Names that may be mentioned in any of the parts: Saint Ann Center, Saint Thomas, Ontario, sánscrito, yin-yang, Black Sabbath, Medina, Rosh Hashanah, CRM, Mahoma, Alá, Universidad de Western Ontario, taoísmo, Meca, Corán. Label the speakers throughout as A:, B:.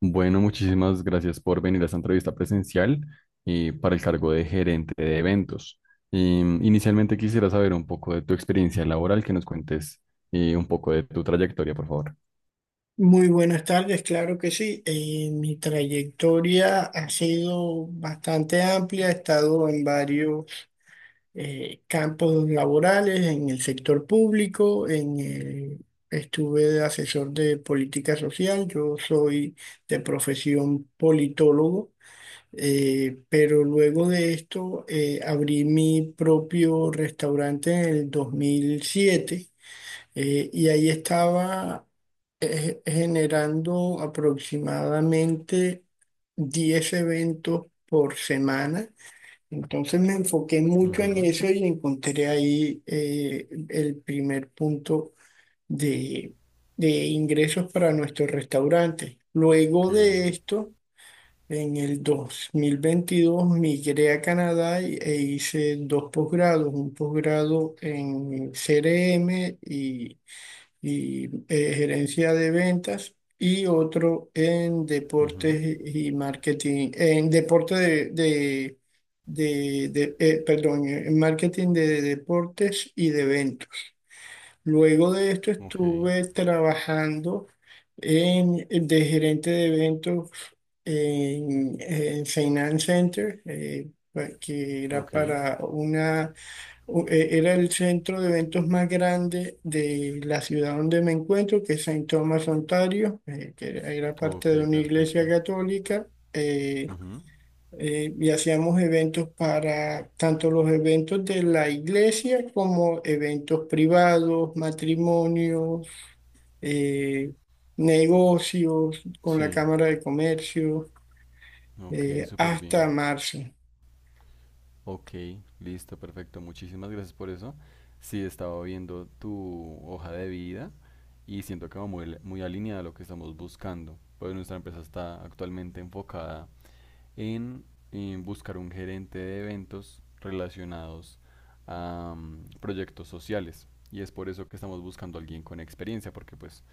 A: Bueno, muchísimas gracias por venir a esta entrevista presencial para el cargo de gerente de eventos. Inicialmente quisiera saber un poco de tu experiencia laboral, que nos cuentes un poco de tu trayectoria, por favor.
B: Muy buenas tardes, claro que sí. Mi trayectoria ha sido bastante amplia, he estado en varios campos laborales, en el sector público, estuve de asesor de política social, yo soy de profesión politólogo, pero luego de esto abrí mi propio restaurante en el 2007. Y ahí estaba generando aproximadamente 10 eventos por semana. Entonces me enfoqué mucho en
A: Ujú.
B: eso y encontré ahí el primer punto de, de ingresos para nuestro restaurante.
A: Ok.
B: Luego de esto, en el 2022 migré a Canadá e hice dos posgrados, un posgrado en CRM y gerencia de ventas y otro en
A: Ujú.
B: deportes y marketing, en deporte de, perdón, en marketing de deportes y de eventos. Luego de esto
A: Ok,
B: estuve trabajando en, de gerente de eventos en Saint Ann Center, que era
A: ok,
B: para una era el centro de eventos más grande de la ciudad donde me encuentro, que es Saint Thomas, Ontario, que era parte
A: ok,
B: de una iglesia
A: perfecto.
B: católica. eh,
A: Ujú.
B: y hacíamos eventos para tanto los eventos de la iglesia como eventos privados, matrimonios, eh, negocios con la
A: Sí,
B: Cámara de Comercio,
A: ok, súper bien.
B: hasta marzo.
A: Ok, listo, perfecto. Muchísimas gracias por eso. Sí, estaba viendo tu hoja de vida y siento que va muy, muy alineada a lo que estamos buscando. Pues nuestra empresa está actualmente enfocada en, buscar un gerente de eventos relacionados a proyectos sociales. Y es por eso que estamos buscando a alguien con experiencia, porque pues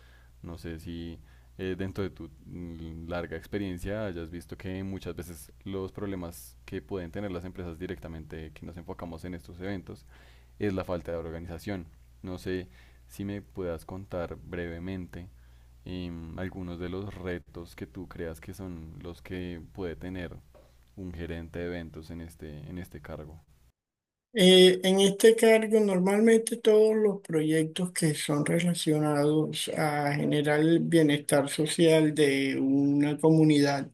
A: no sé si dentro de tu larga experiencia hayas visto que muchas veces los problemas que pueden tener las empresas directamente que nos enfocamos en estos eventos es la falta de organización. No sé si me puedas contar brevemente algunos de los retos que tú creas que son los que puede tener un gerente de eventos en este cargo.
B: En este cargo, normalmente todos los proyectos que son relacionados a generar el bienestar social de una comunidad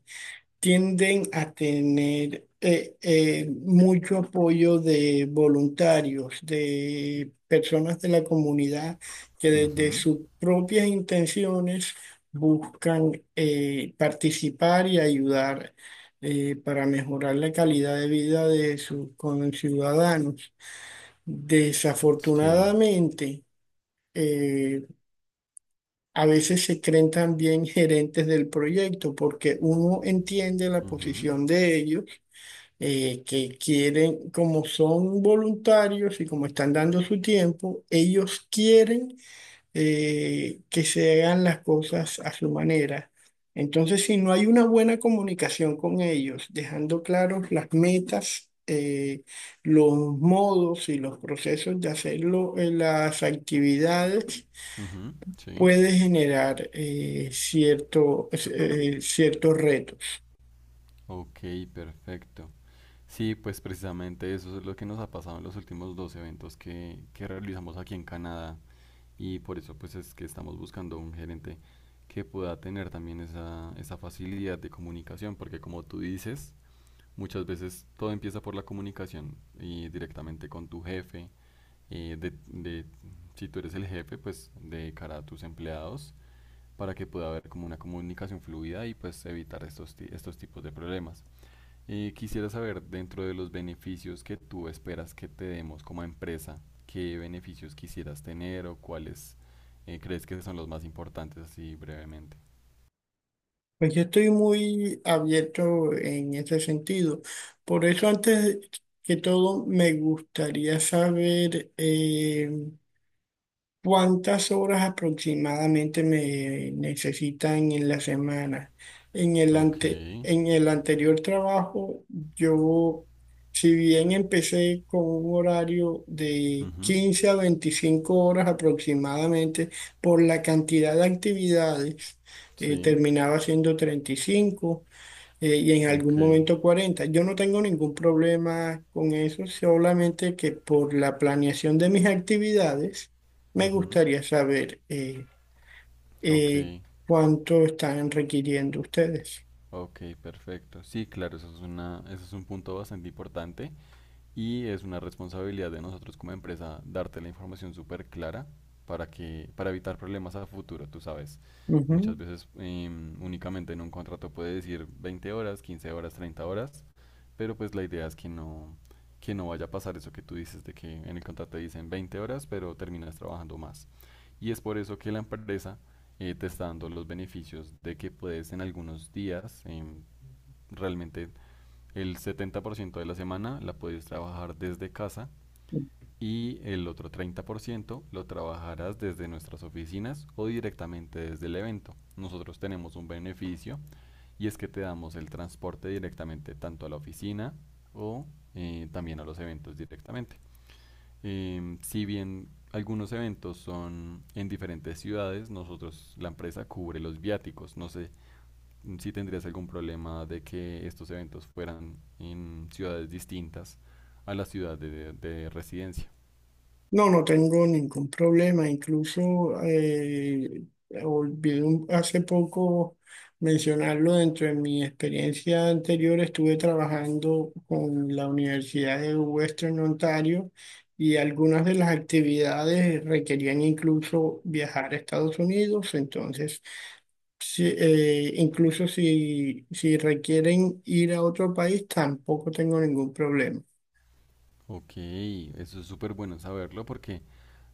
B: tienden a tener mucho apoyo de voluntarios, de personas de la comunidad que desde
A: Ujú.
B: sus propias intenciones buscan participar y ayudar para mejorar la calidad de vida de sus conciudadanos.
A: Sí.
B: Desafortunadamente, eh, a veces se creen también gerentes del proyecto porque uno entiende la
A: Ujú.
B: posición de ellos, que quieren, como son voluntarios y como están dando su tiempo, ellos quieren que se hagan las cosas a su manera. Entonces, si no hay una buena comunicación con ellos, dejando claros las metas, los modos y los procesos de hacerlo, las actividades,
A: Ujú. Sí.
B: puede generar cierto, ciertos retos.
A: Ok, perfecto. Sí, pues precisamente eso es lo que nos ha pasado en los últimos dos eventos que realizamos aquí en Canadá, y por eso pues es que estamos buscando un gerente que pueda tener también esa facilidad de comunicación, porque como tú dices, muchas veces todo empieza por la comunicación y directamente con tu jefe eh, de, de- si tú eres el jefe, pues de cara a tus empleados, para que pueda haber como una comunicación fluida y pues evitar estos tipos de problemas. Quisiera saber, dentro de los beneficios que tú esperas que te demos como empresa, ¿qué beneficios quisieras tener o cuáles crees que son los más importantes así brevemente?
B: Pues yo estoy muy abierto en ese sentido. Por eso, antes que todo, me gustaría saber ¿cuántas horas aproximadamente me necesitan en la semana?
A: Ok.
B: En el anterior trabajo, yo, si bien empecé con un horario de
A: Ujú.
B: 15 a 25 horas aproximadamente, por la cantidad de actividades,
A: Sí.
B: terminaba siendo 35 y en algún
A: Ok.
B: momento 40. Yo no tengo ningún problema con eso, solamente que por la planeación de mis actividades me
A: Ujú.
B: gustaría saber
A: Ok,
B: eh, cuánto están requiriendo ustedes.
A: ok, perfecto. Sí, claro, eso es una, eso es un punto bastante importante. Y es una responsabilidad de nosotros como empresa darte la información súper clara para que, para evitar problemas a futuro, tú sabes. Muchas
B: Ujú.
A: veces únicamente en un contrato puede decir 20 horas, 15 horas, 30 horas, pero pues la idea es que no vaya a pasar eso que tú dices de que en el contrato dicen 20 horas, pero terminas trabajando más. Y es por eso que la empresa te está dando los beneficios de que puedes en algunos días realmente el 70% de la semana la puedes trabajar desde casa y el otro 30% lo trabajarás desde nuestras oficinas o directamente desde el evento. Nosotros tenemos un beneficio y es que te damos el transporte directamente tanto a la oficina o también a los eventos directamente. Si bien algunos eventos son en diferentes ciudades, nosotros, la empresa cubre los viáticos. No sé si tendrías algún problema de que estos eventos fueran en ciudades distintas a la ciudad de residencia.
B: No, no tengo ningún problema. Incluso olvidé hace poco mencionarlo dentro de mi experiencia anterior. Estuve trabajando con la Universidad de Western Ontario y algunas de las actividades requerían incluso viajar a Estados Unidos. Entonces, incluso si requieren ir a otro país, tampoco tengo ningún problema.
A: Ok, eso es súper bueno saberlo porque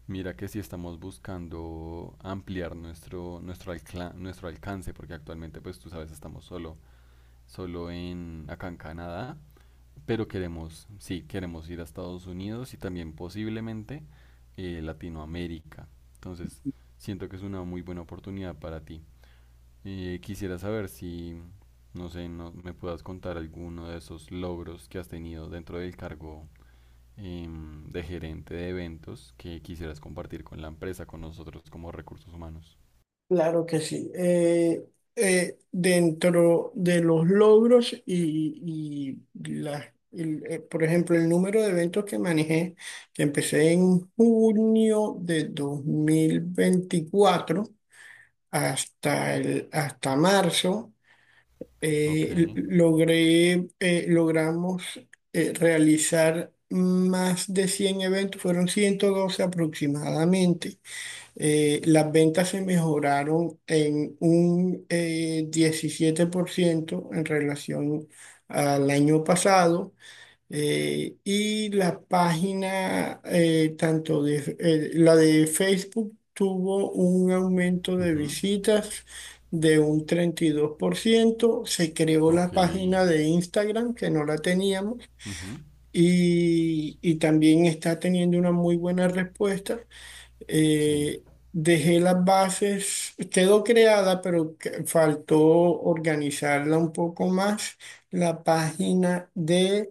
A: mira que si estamos buscando ampliar nuestro alcance, porque actualmente pues tú sabes estamos solo en, acá en Canadá, pero queremos, sí, queremos ir a Estados Unidos y también posiblemente Latinoamérica. Entonces siento que es una muy buena oportunidad para ti. Quisiera saber si, no sé, no, me puedas contar alguno de esos logros que has tenido dentro del cargo de gerente de eventos que quisieras compartir con la empresa, con nosotros como recursos humanos.
B: Claro que sí. Dentro de los logros y, por ejemplo, el número de eventos que manejé, que empecé en junio de 2024 hasta, el, hasta marzo,
A: Ok.
B: eh, l- logré, logramos realizar más de 100 eventos, fueron 112 aproximadamente. Las ventas se mejoraron en un 17% en relación al año pasado. Y la página, tanto de la de Facebook, tuvo un aumento de
A: Ujú.
B: visitas de un 32%. Se creó
A: Ok.
B: la página de Instagram, que no la teníamos,
A: Ujú.
B: y también está teniendo una muy buena respuesta.
A: Sí.
B: Eh, Dejé las bases, quedó creada, pero faltó organizarla un poco más, la página de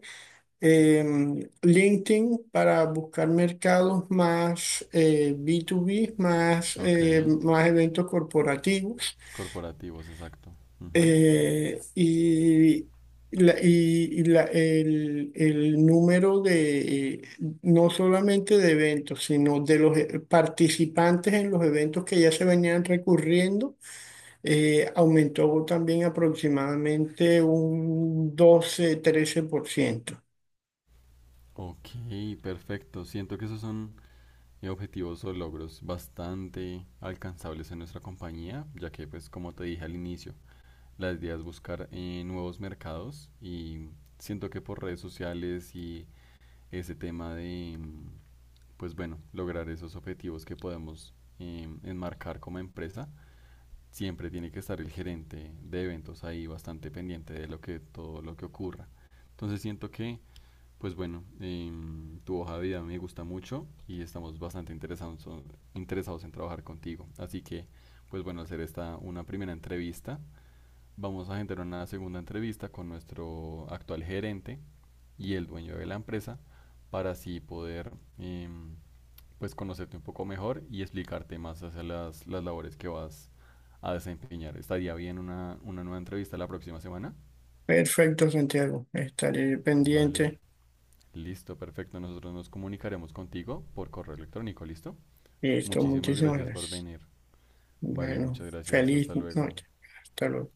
B: LinkedIn, para buscar mercados más B2B, más,
A: Ok,
B: más eventos corporativos.
A: los corporativos, exacto. Ujú.
B: Y la, y la- el número de, no solamente de eventos, sino de los participantes en los eventos que ya se venían recurriendo, aumentó también aproximadamente un 12, 13%
A: Ok, perfecto. Siento que esos son objetivos o logros bastante alcanzables en nuestra compañía, ya que pues como te dije al inicio, la idea es buscar nuevos mercados y siento que por redes sociales y ese tema de, pues bueno, lograr esos objetivos que podemos enmarcar como empresa, siempre tiene que estar el gerente de eventos ahí bastante pendiente de lo que, todo lo que ocurra. Entonces siento que, pues bueno, tu hoja de vida me gusta mucho y estamos bastante interesados en trabajar contigo. Así que, pues bueno, hacer esta una primera entrevista. Vamos a generar una segunda entrevista con nuestro actual gerente y el dueño de la empresa para así poder em, pues conocerte un poco mejor y explicarte más hacia las labores que vas a desempeñar. ¿Estaría bien una nueva entrevista la próxima semana?
B: Perfecto, Santiago. Estaré
A: Vale,
B: pendiente.
A: listo, perfecto. Nosotros nos comunicaremos contigo por correo electrónico, ¿listo?
B: Listo,
A: Muchísimas
B: muchísimas
A: gracias por
B: gracias.
A: venir. Vale,
B: Bueno,
A: muchas gracias.
B: feliz
A: Hasta luego.
B: noche. Hasta luego.